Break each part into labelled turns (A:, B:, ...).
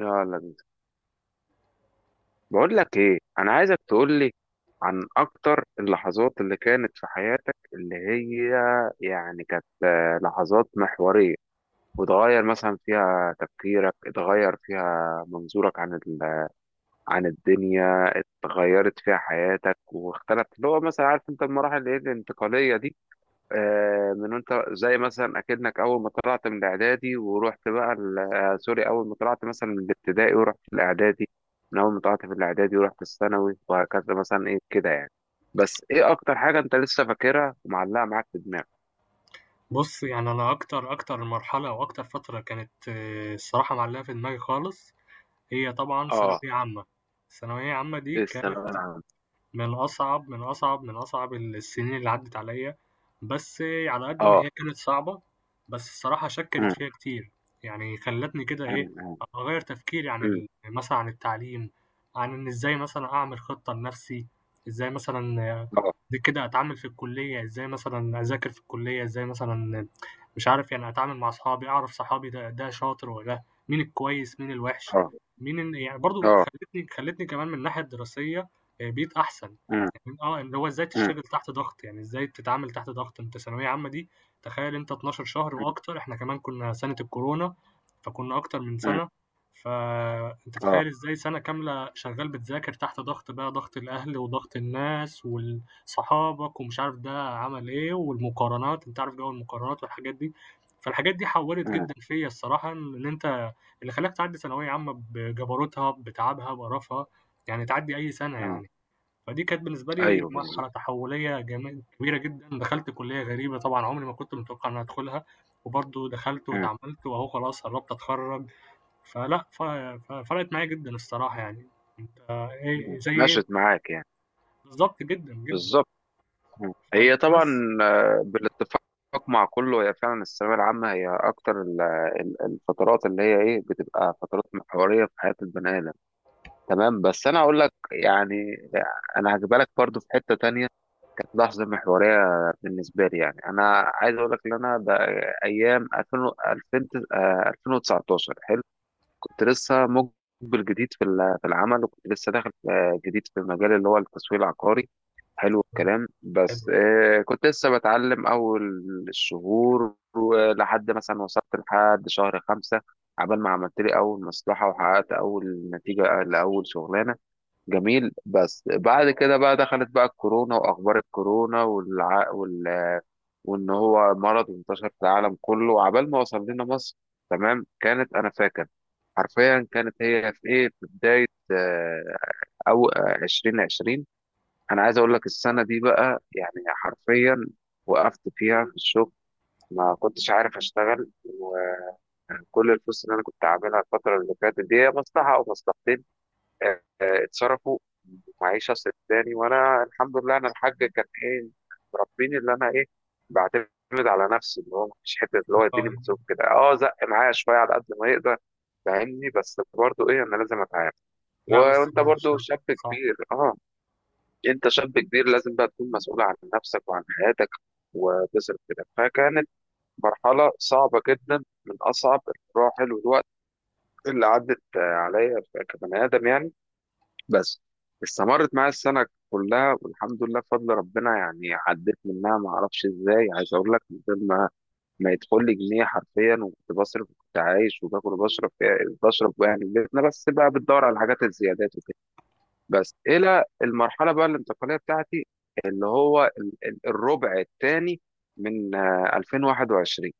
A: يلا بينا. بقول لك ايه، انا عايزك تقول لي عن اكتر اللحظات اللي كانت في حياتك، اللي هي يعني كانت لحظات محورية، وتغير مثلا فيها تفكيرك، اتغير فيها منظورك عن عن الدنيا، اتغيرت فيها حياتك واختلفت، اللي هو مثلا عارف انت المراحل اللي هي الانتقالية دي. من انت زي مثلا اكنك اول ما طلعت من الاعدادي ورحت بقى سوري، اول ما طلعت مثلا من الابتدائي ورحت الاعدادي، من اول ما طلعت في الاعدادي ورحت الثانوي وهكذا مثلا، ايه كده يعني. بس ايه اكتر حاجه انت لسه فاكرها ومعلقه معاك في دماغك؟
B: بُص، يعني أنا أكتر مرحلة أو أكتر فترة كانت الصراحة معلّقة في دماغي خالص، هي طبعًا
A: اه.
B: ثانوية عامة. ثانوية عامة دي
A: إيه
B: كانت
A: الثانويه العامه؟
B: من أصعب السنين اللي عدّت عليَّ، بس على قد ما
A: اه.
B: هي كانت صعبة، بس الصراحة شكّلت
A: أم.
B: فيّا كتير، يعني خلّتني كده
A: أم.
B: إيه،
A: أم.
B: أغيّر تفكيري عن
A: أم.
B: ال مثلًا عن التعليم، عن إن إزاي مثلًا أعمل خطة لنفسي، إزاي مثلًا
A: اه.
B: دي كده أتعامل في الكلية، إزاي مثلًا أذاكر في الكلية، إزاي مثلًا مش عارف يعني أتعامل مع أصحابي، أعرف صحابي ده شاطر والّا ده، مين الكويس، مين الوحش،
A: اه.
B: مين ال يعني برضه
A: اه.
B: خلّتني كمان من الناحية الدراسية، بيت أحسن،
A: أم.
B: يعني اللي هو إزاي
A: أم.
B: تشتغل تحت ضغط، يعني إزاي تتعامل تحت ضغط. أنت ثانوية عامة دي تخيل أنت 12 شهر
A: أم.
B: وأكتر، إحنا كمان كنا سنة الكورونا، فكنا أكتر من
A: أم.
B: سنة، فأنت
A: اه.
B: تخيل إزاي سنة كاملة شغال بتذاكر تحت ضغط بقى، ضغط الأهل وضغط الناس وال صحابك ومش عارف ده عمل إيه والمقارنات، أنت عارف جو المقارنات والحاجات دي، فالحاجات دي حوّلت
A: أم.
B: جدًا فيّا الصراحة. إن أنت اللي خلاك تعدّي ثانوية عامة بجبروتها، بتعبها، بقرفها، يعني تعدّي أي سنة
A: أم.
B: يعني. فدي كانت بالنسبة لي
A: ايوه بالظبط.
B: مرحلة تحولية جمي كبيرة جدًا، دخلت كلية غريبة طبعًا عمري ما كنت متوقع إني هادخلها، وبرضه دخلت
A: أم.
B: واتعاملت وأهو خلاص قرّبت أتخرّج، فلأ ف ففرقت معايا جدًا الصراحة يعني، أنت
A: أم.
B: إيه زي إيه
A: مشت معاك يعني.
B: بالضبط جدًا، جدًا
A: بالظبط.
B: فاهم،
A: هي طبعا،
B: بس
A: بالاتفاق مع كله، هي فعلا الثانوية العامة هي أكتر الفترات اللي هي إيه، بتبقى فترات محورية في حياة البني آدم. تمام. بس أنا أقول لك يعني، أنا هجيبها لك برضه في حتة تانية. كانت لحظة محورية بالنسبة لي. يعني أنا عايز أقول لك إن أنا ده أيام 2000 و- 2000 آه، 2019. حلو. كنت لسه مقبل جديد في في العمل، وكنت لسه داخل جديد في مجال اللي هو التسويق العقاري. حلو
B: آه،
A: الكلام.
B: حلو.
A: بس كنت لسه بتعلم أول الشهور، ولحد مثلا وصلت لحد شهر خمسة، عبال ما عملت لي أول مصلحة وحققت أول نتيجة لأول شغلانة. جميل. بس بعد كده بقى دخلت بقى الكورونا وأخبار الكورونا وان هو مرض، وانتشر في العالم كله، وعبال ما وصل لنا مصر. تمام. كانت، انا فاكر حرفيا، كانت هي في ايه، في بدايه آه، او آه، 2020. انا عايز اقول لك السنه دي بقى، يعني حرفيا وقفت فيها في الشغل. ما كنتش عارف اشتغل. وكل الفلوس اللي انا كنت عاملها الفتره اللي فاتت، دي هي مصلحه او مصلحتين، اتصرفوا معيشة سداني. وانا الحمد لله، انا الحاج كان ايه، مربيني اللي انا ايه، بعتمد على نفسي، اللي هو مفيش حتة اللي
B: لأ
A: هو يديني مصروف كده، اه زق معايا شوية على قد ما يقدر. فاهمني. بس برضه ايه، انا لازم اتعامل. و-
B: لا، بس
A: وانت
B: مش
A: برضه
B: ده
A: شاب
B: صح،
A: كبير. اه. انت شاب كبير، لازم بقى تكون مسؤول عن نفسك وعن حياتك وتصرف كده. فكانت مرحلة صعبة جدا، من اصعب المراحل والوقت اللي عدت عليا كبني ادم يعني. بس استمرت معايا السنة كلها، والحمد لله بفضل ربنا يعني عديت منها ما اعرفش ازاي. عايز اقول لك، من غير ما يدخل لي جنيه حرفيا، وكنت بصرف، وكنت عايش وباكل وبشرب يعني في بيتنا، بس بقى بتدور على الحاجات الزيادات وكده. بس الى المرحلة بقى الانتقالية بتاعتي، اللي هو الربع الثاني من 2021،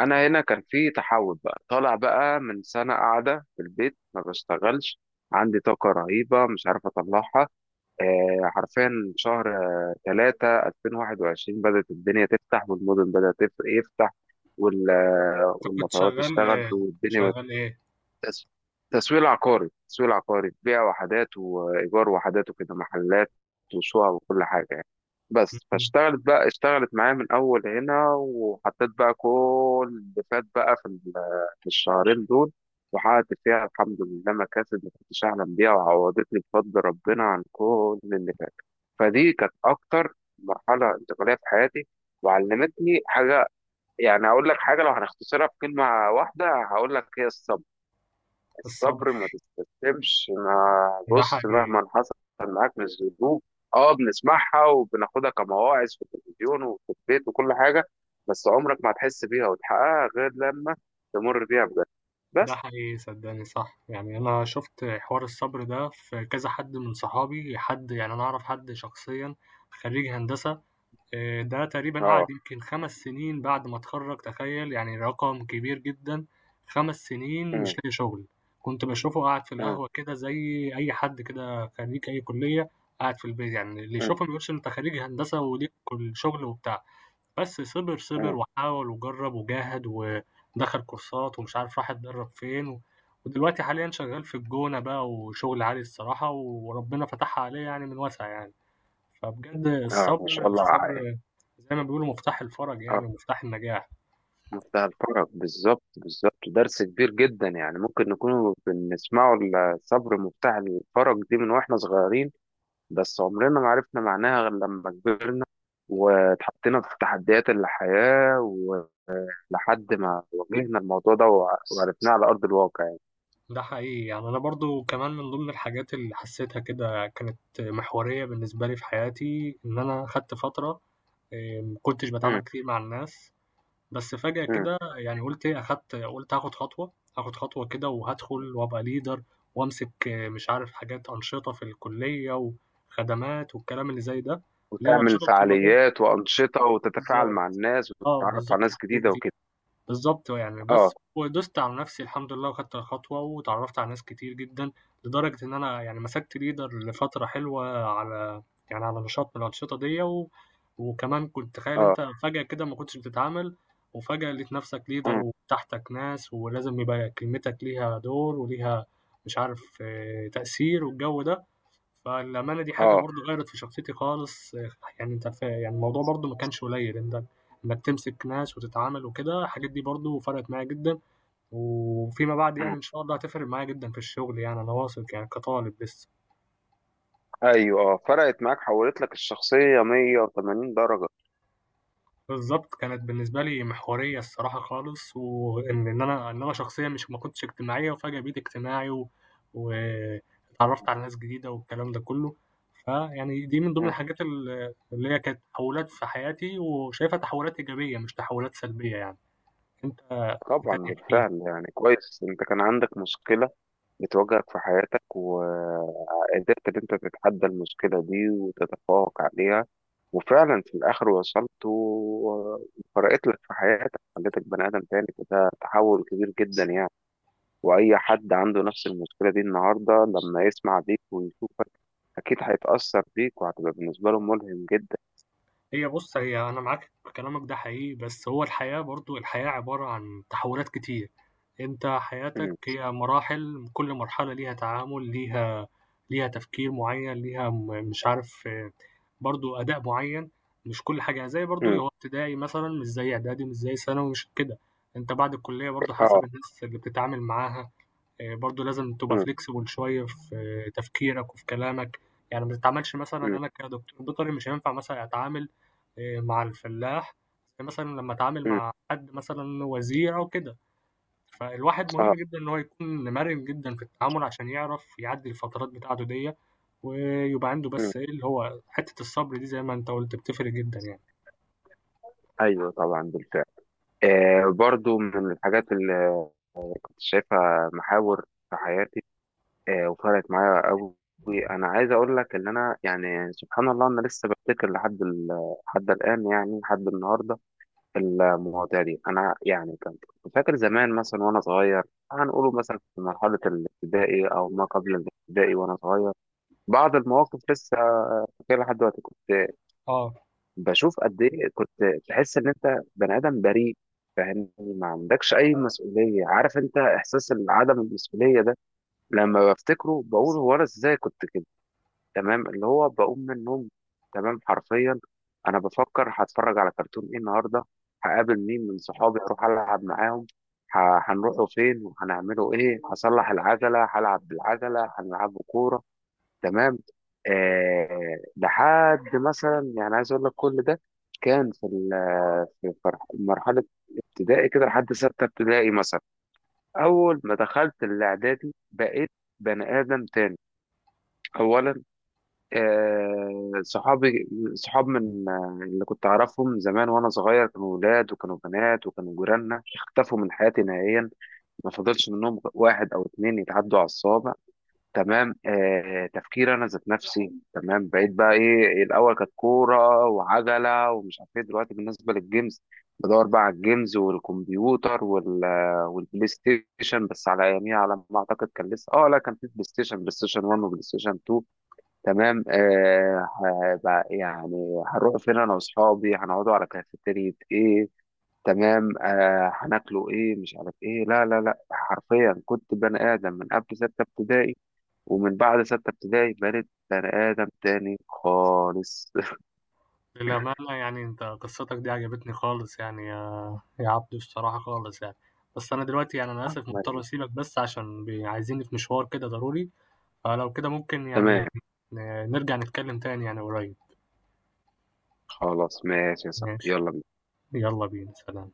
A: انا هنا كان في تحول بقى، طالع بقى من سنة قاعدة في البيت ما بشتغلش، عندي طاقة رهيبة مش عارف أطلعها حرفيا. شهر 3 2021 بدأت الدنيا تفتح، والمدن بدأت يفتح، وال- آه،
B: أنت كنت
A: والمطارات
B: شغال
A: اشتغلت والدنيا.
B: شغال إيه؟
A: تس- تسويق عقاري، بيع وحدات وإيجار وحدات وكده، محلات وشقق وكل حاجة يعني. بس
B: اهم،
A: فاشتغلت بقى، اشتغلت معايا من أول هنا، وحطيت بقى كل اللي فات بقى في في الشهرين دول، وحققت فيها الحمد لله مكاسب ما كنتش أحلم بيها، وعوضتني بفضل ربنا عن كل اللي فات. فدي كانت أكتر مرحلة انتقالية في حياتي، وعلمتني حاجة. يعني أقول لك حاجة، لو هنختصرها في كلمة واحدة هقول لك هي الصبر.
B: الصبر،
A: الصبر. ما تستسلمش. ما
B: ده
A: بص،
B: حقيقي.
A: مهما حصل معاك من الظروف، اه بنسمعها وبناخدها كمواعظ في التلفزيون وفي البيت وكل حاجة، بس عمرك ما هتحس بيها وتحققها غير لما تمر بيها بجد.
B: ده
A: بس.
B: حقيقي صدقني صح، يعني انا شفت حوار الصبر ده في كذا حد من صحابي، حد يعني انا اعرف حد شخصيا خريج هندسة، ده تقريبًا
A: اه.
B: قعد يمكن 5 سنين بعد ما اتخرّج، تخيّل! يعني رقم كبير جدًا، 5 سنين مش
A: أمم.
B: لاقي شغل، كنت باشوفه قاعد في
A: أمم.
B: القهوة كده زي أي حد كده خريج أي كُلّية قاعد في البيت، يعني اللي
A: أمم.
B: يشوفه ما يقولش أنت خريج هندسة وليك كل شغل وبتاع، بس صِبِر،
A: أمم.
B: صِبِر وحاول وجرّب وجاهد ودخل كورسات ومش عارف راح اتدرّب فين، و... ودلوقتي حاليًا شغّال في الجونة بقى وشغل عالي الصراحة وربنا فتحها عليه يعني من واسع يعني. فبجد
A: اه ما شاء
B: الصبر
A: الله
B: الصبر زي ما بيقولوا مفتاح الفرج
A: اه،
B: يعني ومفتاح النجاح،
A: منتهى الفرق. بالظبط بالظبط، درس كبير جدا، يعني ممكن نكون بنسمعه. الصبر مفتاح الفرج دي، من واحنا صغيرين، بس عمرنا ما عرفنا معناها غير لما كبرنا واتحطينا في تحديات الحياة، ولحد ما واجهنا الموضوع ده وع- وعرفناه على أرض الواقع يعني.
B: ده حقيقي. يعني أنا برضه كمان من ضمن الحاجات اللي حسيتها كده كانت محورية بالنسبة لي في حياتي، إن أنا خدت فترة ما كنتش
A: مم.
B: باتعامل كتير مع الناس، بس فجأة
A: مم.
B: كده يعني قُلت إيه، أخدت قُلت هاخد خطوة، هاخد خطوة كده وهادخل وأبقى leader وأمسك إيه، مش عارف حاجات أنشطة في الكلية وخدمات والكلام اللي زي ده، اللي هي
A: وتعمل
B: الأنشطة الطلابية
A: فعاليات وأنشطة، وتتفاعل مع
B: بالضبط،
A: الناس
B: آه
A: وتتعرف على
B: بالضبط
A: ناس
B: الحاجات
A: جديدة
B: دي.
A: وكده.
B: بالضبط يعني
A: اه.
B: بس ودوست على نفسي الحمد لله وخدت الخطوة، واتعرّفت على ناس كتير جدًا، لدرجة إن أنا يعني مسكت leader لفترة حلوة على يعني على نشاط من الأنشطة ديّة، و وكمان كنت تخيّل
A: اه.
B: أنت فجأة كده ما كنتش بتتعامل، وفجأة لقيت نفسك leader
A: مم.
B: وتحتك ناس، ولازم يبقى كلمتك ليها دور وليها مش عارف تأثير والجو ده. فالأمانة دي حاجة
A: اه.
B: برضه غيّرت في شخصيتي خالص آه، يعني أنت ف يعني الموضوع برضه ما كانش قليّل، أنت إنّك تمسك ناس وتتعامل وكده، الحاجات دي برضه فرقت معايا جدًا، وفيما بعد
A: مم.
B: يعني إن شاء الله هتفرق معايا جدًا في الشغل يعني أنا واثق يعني كطالب لسه.
A: ايوه اه، فرقت معاك، حولت لك الشخصية 180 درجة.
B: بالضبط، كانت بالنسبة لي محورية الصراحة خالص، وإن إن أنا شخصيًا مش ما كنتش اجتماعية وفجأة بقيت اجتماعي و واتعرّفت على ناس جديدة والكلام ده كُلّه، فيعني دي من ضمن
A: مم.
B: الحاجات ال اللي هي كانت تحوّلات في حياتي وشايفها تحوّلات إيجابية مش تحوّلات سلبية يعني، أنت إيه
A: طبعا
B: تاني احكِ لي؟
A: بالفعل، يعني كويس انت كان عندك مشكلة بتواجهك في حياتك، وقدرت إن أنت تتحدى المشكلة دي وتتفوق عليها، وفعلا في الآخر وصلت و- وفرقت لك في حياتك، خليتك بني آدم تاني. فده تحول كبير جدا يعني. وأي حد عنده نفس المشكلة دي النهاردة، لما يسمع بيك ويشوفك أكيد هيتأثر بيك، وهتبقى بالنسبة له ملهم جدا.
B: هي بُص، هي أنا معاك في كلامك ده حقيقي، بس هو الحياة برضه الحياة عبارة عن تحولات كتير، أنت حياتك
A: م-
B: هي مراحل كل مرحلة ليها تعامل، ليها تفكير معين، ليها م مش عارف برضه أداء معين، مش كل حاجة يعني زي برضه
A: م-
B: اللي هو ابتدائي مثلًا مش زي إعدادي، مش زي ثانوي، مش كده، أنت بعد الكلية برضه حسب
A: آه
B: الناس اللي بتتعامل معاها. آه، برضو لازم تبقى
A: م-
B: فليكسبل شوية في تفكيرك وفي كلامك، يعني ما تتعاملش مثلا
A: م-
B: أنا كدكتور بيطري مش هينفع مثلا أتعامل مع الفلاح زي مثلا لما أتعامل
A: م-
B: مع حد مثلا وزير أو كده. فالواحد مهم
A: آه
B: جدا إن هو يكون مرن جدا في التعامل عشان يعرف يعدي الفترات بتاعته دي ويبقى عنده
A: م.
B: بس إيه اللي هو حتة الصبر دي، زي ما أنت قلت بتفرق جدا يعني.
A: أيوه طبعا بالفعل. برضو من الحاجات اللي كنت شايفها محاور في حياتي، وفرقت معايا قوي. انا عايز اقول لك ان انا، يعني سبحان الله، انا لسه بفتكر لحد لحد الان، يعني لحد النهارده. المواضيع دي، انا يعني كنت فاكر زمان مثلا وانا صغير، هنقوله مثلا في مرحله الابتدائي او ما قبل الابتدائي وانا صغير، بعض المواقف لسه فاكرها لحد دلوقتي. كنت
B: آه
A: بشوف قد ايه كنت تحس ان انت بني ادم بريء، فاهمني، ما عندكش اي مسؤوليه، عارف انت احساس عدم المسؤوليه ده. لما بفتكره بقول هو انا ازاي كنت، تمام، اللي هو بقوم من النوم، تمام حرفيا، انا بفكر هتفرج على كرتون ايه النهارده، هقابل مين من صحابي، هروح العب معاهم، هنروحوا فين وهنعملوا ايه، هصلح العجله، هلعب بالعجله، هنلعبوا كوره، تمام. لحد مثلا يعني، عايز اقول لك كل ده كان في مرحله ابتدائي كده لحد سته ابتدائي مثلا. اول ما دخلت الاعدادي بقيت بني ادم تاني. اولا، صحابي، صحاب من اللي كنت أعرفهم زمان وأنا صغير، كانوا ولاد وكانوا بنات وكانوا جيراننا، اختفوا من حياتي نهائيا. ما فضلش منهم واحد أو اتنين يتعدوا على الصوابع. تمام. تفكير أنا ذات نفسي، تمام. بقيت بقى إيه، الأول كانت كورة وعجلة ومش عارف إيه، دلوقتي بالنسبة للجيمز، بدور بقى على الجيمز والكمبيوتر وال آه، والبلاي ستيشن. بس على أياميها، على ما أعتقد كان لسه، أه لا، كان في بلاي ستيشن 1 وبلاي ستيشن 2. تمام. يعني هنروح فين انا واصحابي، هنقعدوا على كافيتيريا ايه، تمام. هناكلوا ايه، مش عارف ايه. لا لا لا، حرفيا كنت بني ادم من قبل ستة ابتدائي، ومن بعد ستة ابتدائي بقيت بني ادم تاني خالص.
B: للأمانة يعني أنت قصتك دي عجبتني خالص يعني يا عبدو، الصراحة خالص يعني. بس أنا دلوقتي يعني أنا آسف مضطر أسيبك بس عشان بي- عايزيني في مشوار كده ضروري، فلو كده ممكن يعني
A: تمام.
B: ن- نرجع نتكلم تاني يعني قريب.
A: خلاص ماشي يا صاحبي،
B: ماشي
A: يلا.
B: يلا بينا، سلام.